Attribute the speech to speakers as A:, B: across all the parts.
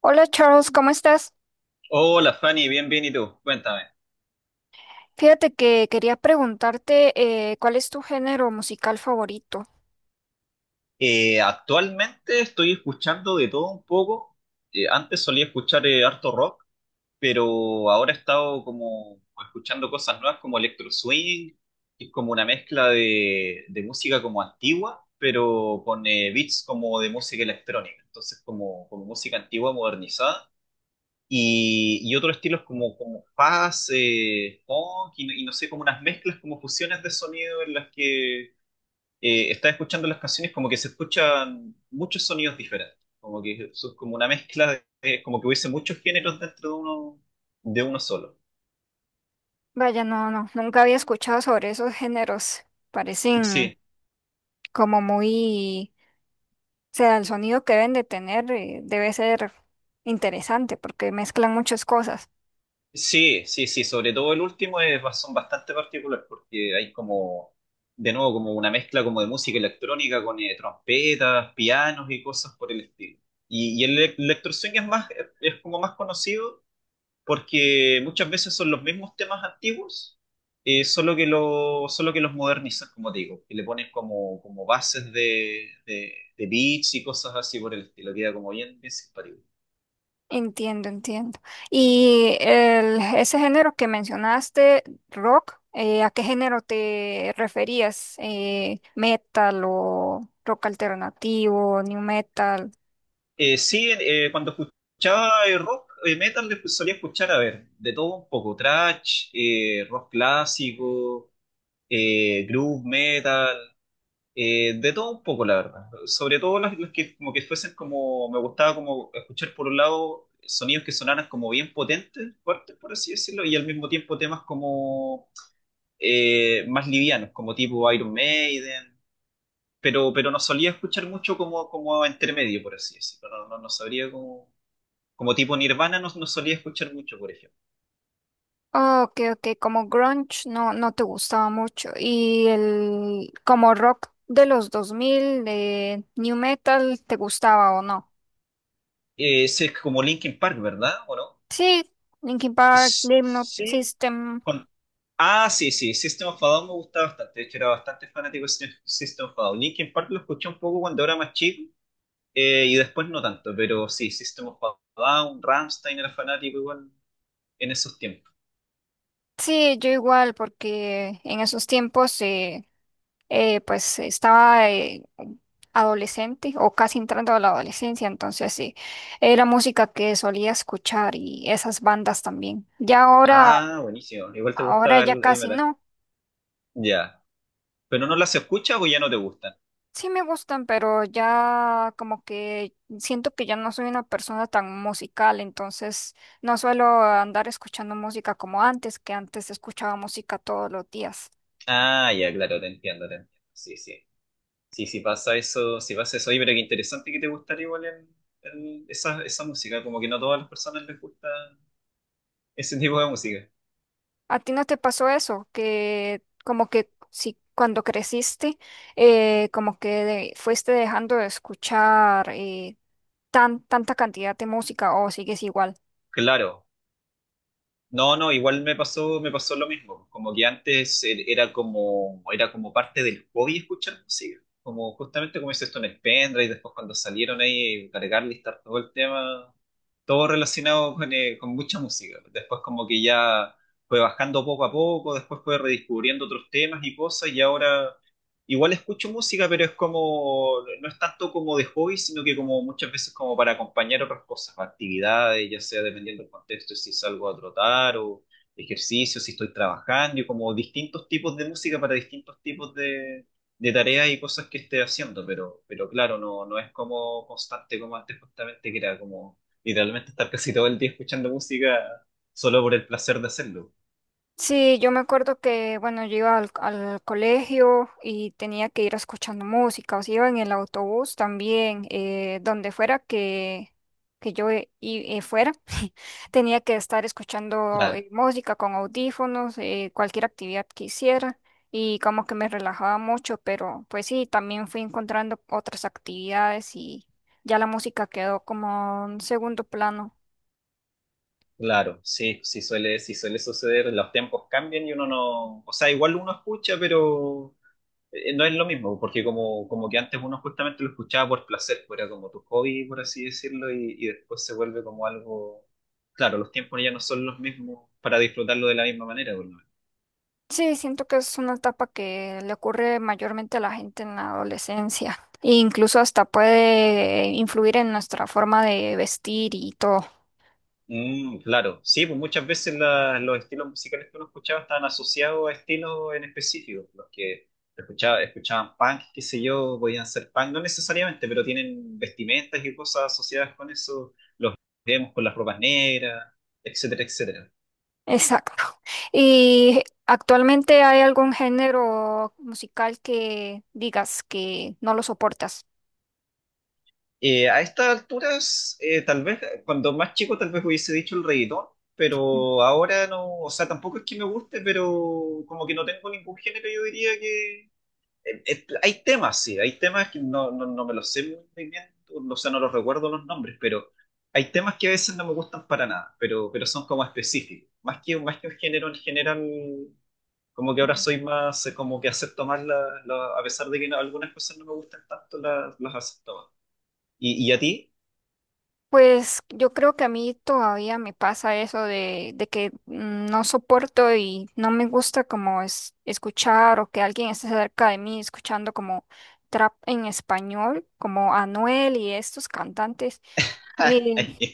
A: Hola Charles, ¿cómo estás?
B: Hola Fanny, bien, bien, ¿y tú? Cuéntame.
A: Fíjate que quería preguntarte ¿cuál es tu género musical favorito?
B: Actualmente estoy escuchando de todo un poco. Antes solía escuchar harto rock, pero ahora he estado como escuchando cosas nuevas como electro swing, que es como una mezcla de música como antigua, pero con beats como de música electrónica. Entonces como, como música antigua modernizada. Y otros estilos como, como jazz, funk, y no sé, como unas mezclas, como fusiones de sonido en las que estás escuchando las canciones como que se escuchan muchos sonidos diferentes, como que eso es como una mezcla de, como que hubiese muchos géneros dentro de uno solo.
A: Vaya, no, no, nunca había escuchado sobre esos géneros. Parecen
B: Sí,
A: como muy, o sea, el sonido que deben de tener debe ser interesante porque mezclan muchas cosas.
B: sí, sí, sí, sobre todo el último es, son bastante particulares porque hay como, de nuevo, como una mezcla como de música electrónica con trompetas, pianos y cosas por el estilo. Y el electroswing es más, es como más conocido porque muchas veces son los mismos temas antiguos, solo que lo, solo que los modernizan, como te digo, y le ponen como, como bases de beats y cosas así por el estilo, queda como bien, bien simpático.
A: Entiendo, entiendo. Ese género que mencionaste, rock, ¿a qué género te referías? Metal o rock alternativo, new metal?
B: Sí, cuando escuchaba rock, metal, solía escuchar, a ver, de todo un poco, thrash, rock clásico, groove metal. De todo un poco, la verdad. Sobre todo las que como que fuesen como, me gustaba como escuchar por un lado sonidos que sonaran como bien potentes, fuertes, por así decirlo, y al mismo tiempo temas como más livianos, como tipo Iron Maiden, pero no solía escuchar mucho como, como entre medio, por así decirlo. No, no, no sabría como, como tipo Nirvana, no, no solía escuchar mucho, por ejemplo.
A: Ah, ok, ok, como grunge no, no te gustaba mucho. Y el como rock de los 2000, de new metal, ¿te gustaba o no?
B: Ese es como Linkin Park, ¿verdad? ¿O no?
A: Sí, Linkin Park, Slipknot,
B: Sí,
A: System.
B: ah, sí, sí, System of a Down me gustaba bastante. De hecho, era bastante fanático de System of a Down. Linkin Park lo escuché un poco cuando era más chico y después no tanto, pero sí, System of a Down, Rammstein era fanático igual en esos tiempos.
A: Sí, yo igual, porque en esos tiempos pues estaba adolescente o casi entrando a la adolescencia, entonces sí, era música que solía escuchar y esas bandas también.
B: Ah, buenísimo. Igual te
A: Ahora
B: gustaba
A: ya
B: el
A: casi
B: metal.
A: no.
B: Ya. ¿Pero no las escuchas o ya no te gustan?
A: Sí me gustan, pero ya como que siento que ya no soy una persona tan musical, entonces no suelo andar escuchando música como antes, que antes escuchaba música todos los días.
B: Ah, ya, claro, te entiendo, te entiendo. Sí, sí. Sí, sí pasa eso, sí pasa eso. Oye, pero qué interesante que te gustara igual esa, esa música. Como que no a todas las personas les gusta ese tipo de música.
A: ¿A ti no te pasó eso? Que como que si cuando creciste, como que fuiste dejando de escuchar tanta cantidad de música o sigues igual.
B: Claro. No, no, igual me pasó lo mismo. Como que antes era como parte del hobby escuchar música. Como justamente como dices tú en el pendrive, y después cuando salieron ahí, cargar, listar todo el tema, todo relacionado con mucha música. Después como que ya fue bajando poco a poco, después fue redescubriendo otros temas y cosas, y ahora igual escucho música, pero es como, no es tanto como de hobby, sino que como muchas veces como para acompañar otras cosas, actividades, ya sea dependiendo del contexto, si salgo a trotar o ejercicio, si estoy trabajando, y como distintos tipos de música para distintos tipos de tareas y cosas que esté haciendo, pero claro, no, no es como constante como antes justamente, que era como literalmente estar casi todo el día escuchando música solo por el placer de hacerlo.
A: Sí, yo me acuerdo que, bueno, yo iba al colegio y tenía que ir escuchando música, o sea, iba en el autobús también, donde fuera que yo fuera, tenía que estar escuchando música con audífonos, cualquier actividad que hiciera, y como que me relajaba mucho, pero pues sí, también fui encontrando otras actividades y ya la música quedó como en segundo plano.
B: Claro, sí, sí suele suceder, los tiempos cambian y uno no, o sea, igual uno escucha, pero no es lo mismo, porque como, como que antes uno justamente lo escuchaba por placer, pues era como tu hobby, por así decirlo, y después se vuelve como algo, claro, los tiempos ya no son los mismos para disfrutarlo de la misma manera, pues.
A: Sí, siento que es una etapa que le ocurre mayormente a la gente en la adolescencia e incluso hasta puede influir en nuestra forma de vestir y todo.
B: Mm, claro, sí, pues muchas veces los estilos musicales que uno escuchaba estaban asociados a estilos en específico. Los que escuchaba, escuchaban punk, qué sé yo, podían ser punk, no necesariamente, pero tienen vestimentas y cosas asociadas con eso. Los vemos con las ropas negras, etcétera, etcétera.
A: Exacto. ¿Y actualmente hay algún género musical que digas que no lo soportas?
B: A estas alturas, tal vez cuando más chico, tal vez hubiese dicho el reggaetón, pero ahora no, o sea, tampoco es que me guste, pero como que no tengo ningún género, yo diría, hay temas, sí, hay temas que no, no, no me los sé muy bien, o sea, no los recuerdo los nombres, pero hay temas que a veces no me gustan para nada, pero son como específicos. Más que un género en general, como que ahora soy más, como que acepto más, la, a pesar de que algunas cosas no me gustan tanto, las acepto más. Y a ti?
A: Pues yo creo que a mí todavía me pasa eso de que mm, no soporto y no me gusta como es, escuchar o que alguien esté cerca de mí escuchando como trap en español, como Anuel y estos cantantes. Eh,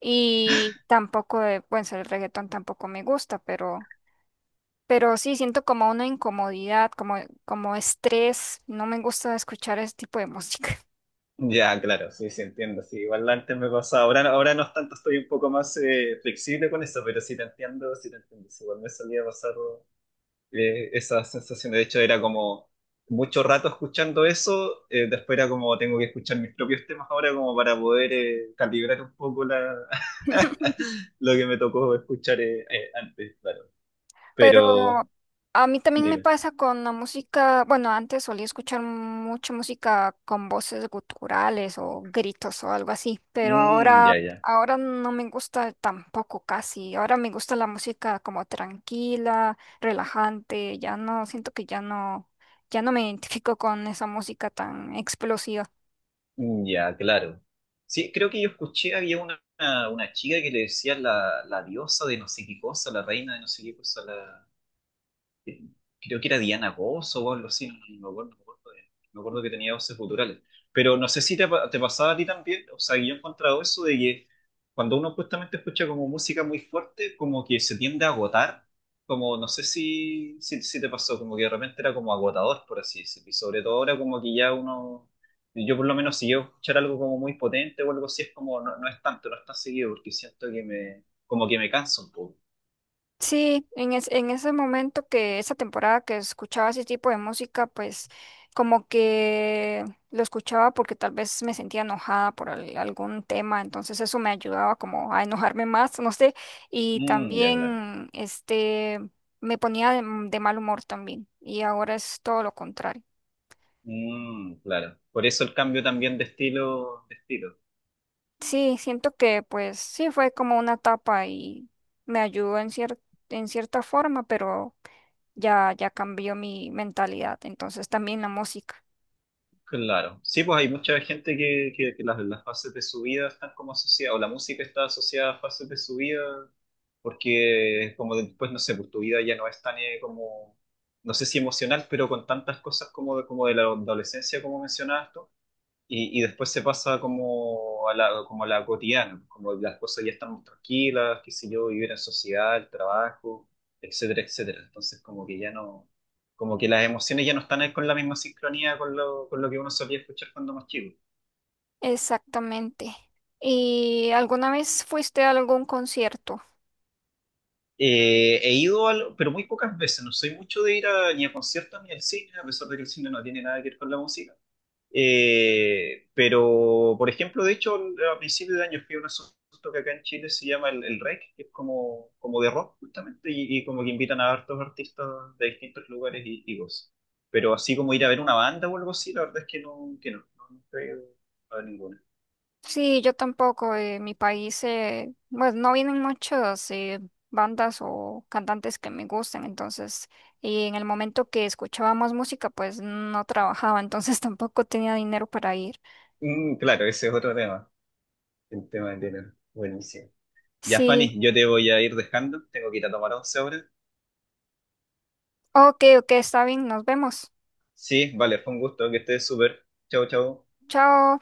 A: y tampoco, bueno, el reggaetón tampoco me gusta, pero sí siento como una incomodidad, como, como estrés. No me gusta escuchar ese tipo de música.
B: Ya, claro, sí, sí, entiendo. Sí, igual antes me pasaba. Ahora, ahora no es tanto, estoy un poco más flexible con eso, pero sí te entiendo, sí te entiendo. Sí, igual me solía pasar esa sensación. De hecho, era como mucho rato escuchando eso, después era como tengo que escuchar mis propios temas ahora como para poder calibrar un poco la, lo que me tocó escuchar antes, claro.
A: Pero
B: Pero
A: a mí también me
B: dime.
A: pasa con la música, bueno, antes solía escuchar mucha música con voces guturales o gritos o algo así, pero
B: Mm, ya,
A: ahora,
B: ya.
A: ahora no me gusta tampoco casi. Ahora me gusta la música como tranquila, relajante, ya no, siento que ya no, ya no me identifico con esa música tan explosiva.
B: Mm, ya, claro. Sí, creo que yo escuché, había una chica que le decía la, la diosa de no sé qué cosa, la reina de no sé qué cosa, la... eh, creo que era Diana Goss o algo así, no, no me acuerdo, no me acuerdo, no me acuerdo que tenía voces guturales. Pero no sé si te, te pasaba a ti también, o sea, que yo he encontrado eso de que cuando uno justamente escucha como música muy fuerte, como que se tiende a agotar, como no sé si te pasó, como que de repente era como agotador, por así decirlo, y sobre todo ahora como que ya uno... Yo por lo menos si yo escuchar algo como muy potente o algo así es como no, no es tanto, no es tan seguido porque siento que me como que me canso un poco.
A: Sí, en, en ese momento que esa temporada que escuchaba ese tipo de música, pues como que lo escuchaba porque tal vez me sentía enojada por algún tema, entonces eso me ayudaba como a enojarme más, no sé, y
B: Mm, ya claro.
A: también este me ponía de mal humor también, y ahora es todo lo contrario.
B: Mm, claro. Por eso el cambio también de estilo, de estilo.
A: Sí, siento que pues sí fue como una etapa y me ayudó en en cierta forma, pero ya, ya cambió mi mentalidad, entonces también la música.
B: Claro. Sí, pues hay mucha gente que las fases de su vida están como asociadas, o la música está asociada a fases de su vida, porque como después, no sé, pues tu vida ya no es tan como, no sé si emocional, pero con tantas cosas como de la adolescencia, como mencionabas tú. Y después se pasa como a la cotidiana, como las cosas ya están más tranquilas, qué sé yo, vivir en sociedad, el trabajo, etcétera, etcétera. Entonces como que ya no, como que las emociones ya no están ahí con la misma sincronía con lo que uno solía escuchar cuando más chico.
A: Exactamente. ¿Y alguna vez fuiste a algún concierto?
B: He ido, pero muy pocas veces, no soy mucho de ir ni a conciertos ni al cine, a pesar de que el cine no tiene nada que ver con la música. Pero, por ejemplo, de hecho, a principios de año fui a un asunto que acá en Chile se llama el REC, que es como, como de rock, justamente, y como que invitan a hartos artistas de distintos lugares y cosas. Pero así como ir a ver una banda o algo así, la verdad es que no, no, no he ido a ver ninguna.
A: Sí, yo tampoco. Eh, en mi país, pues no vienen muchas bandas o cantantes que me gustan, entonces, y en el momento que escuchaba más música, pues no trabajaba, entonces tampoco tenía dinero para ir.
B: Mm, claro, ese es otro tema, el tema del dinero. Buenísimo. Ya,
A: Sí,
B: Fanny, yo te voy a ir dejando, tengo que ir a tomar once ahora.
A: ok, ok, está bien, nos vemos.
B: Sí, vale, fue un gusto, que estés súper. Chau, chau.
A: Chao.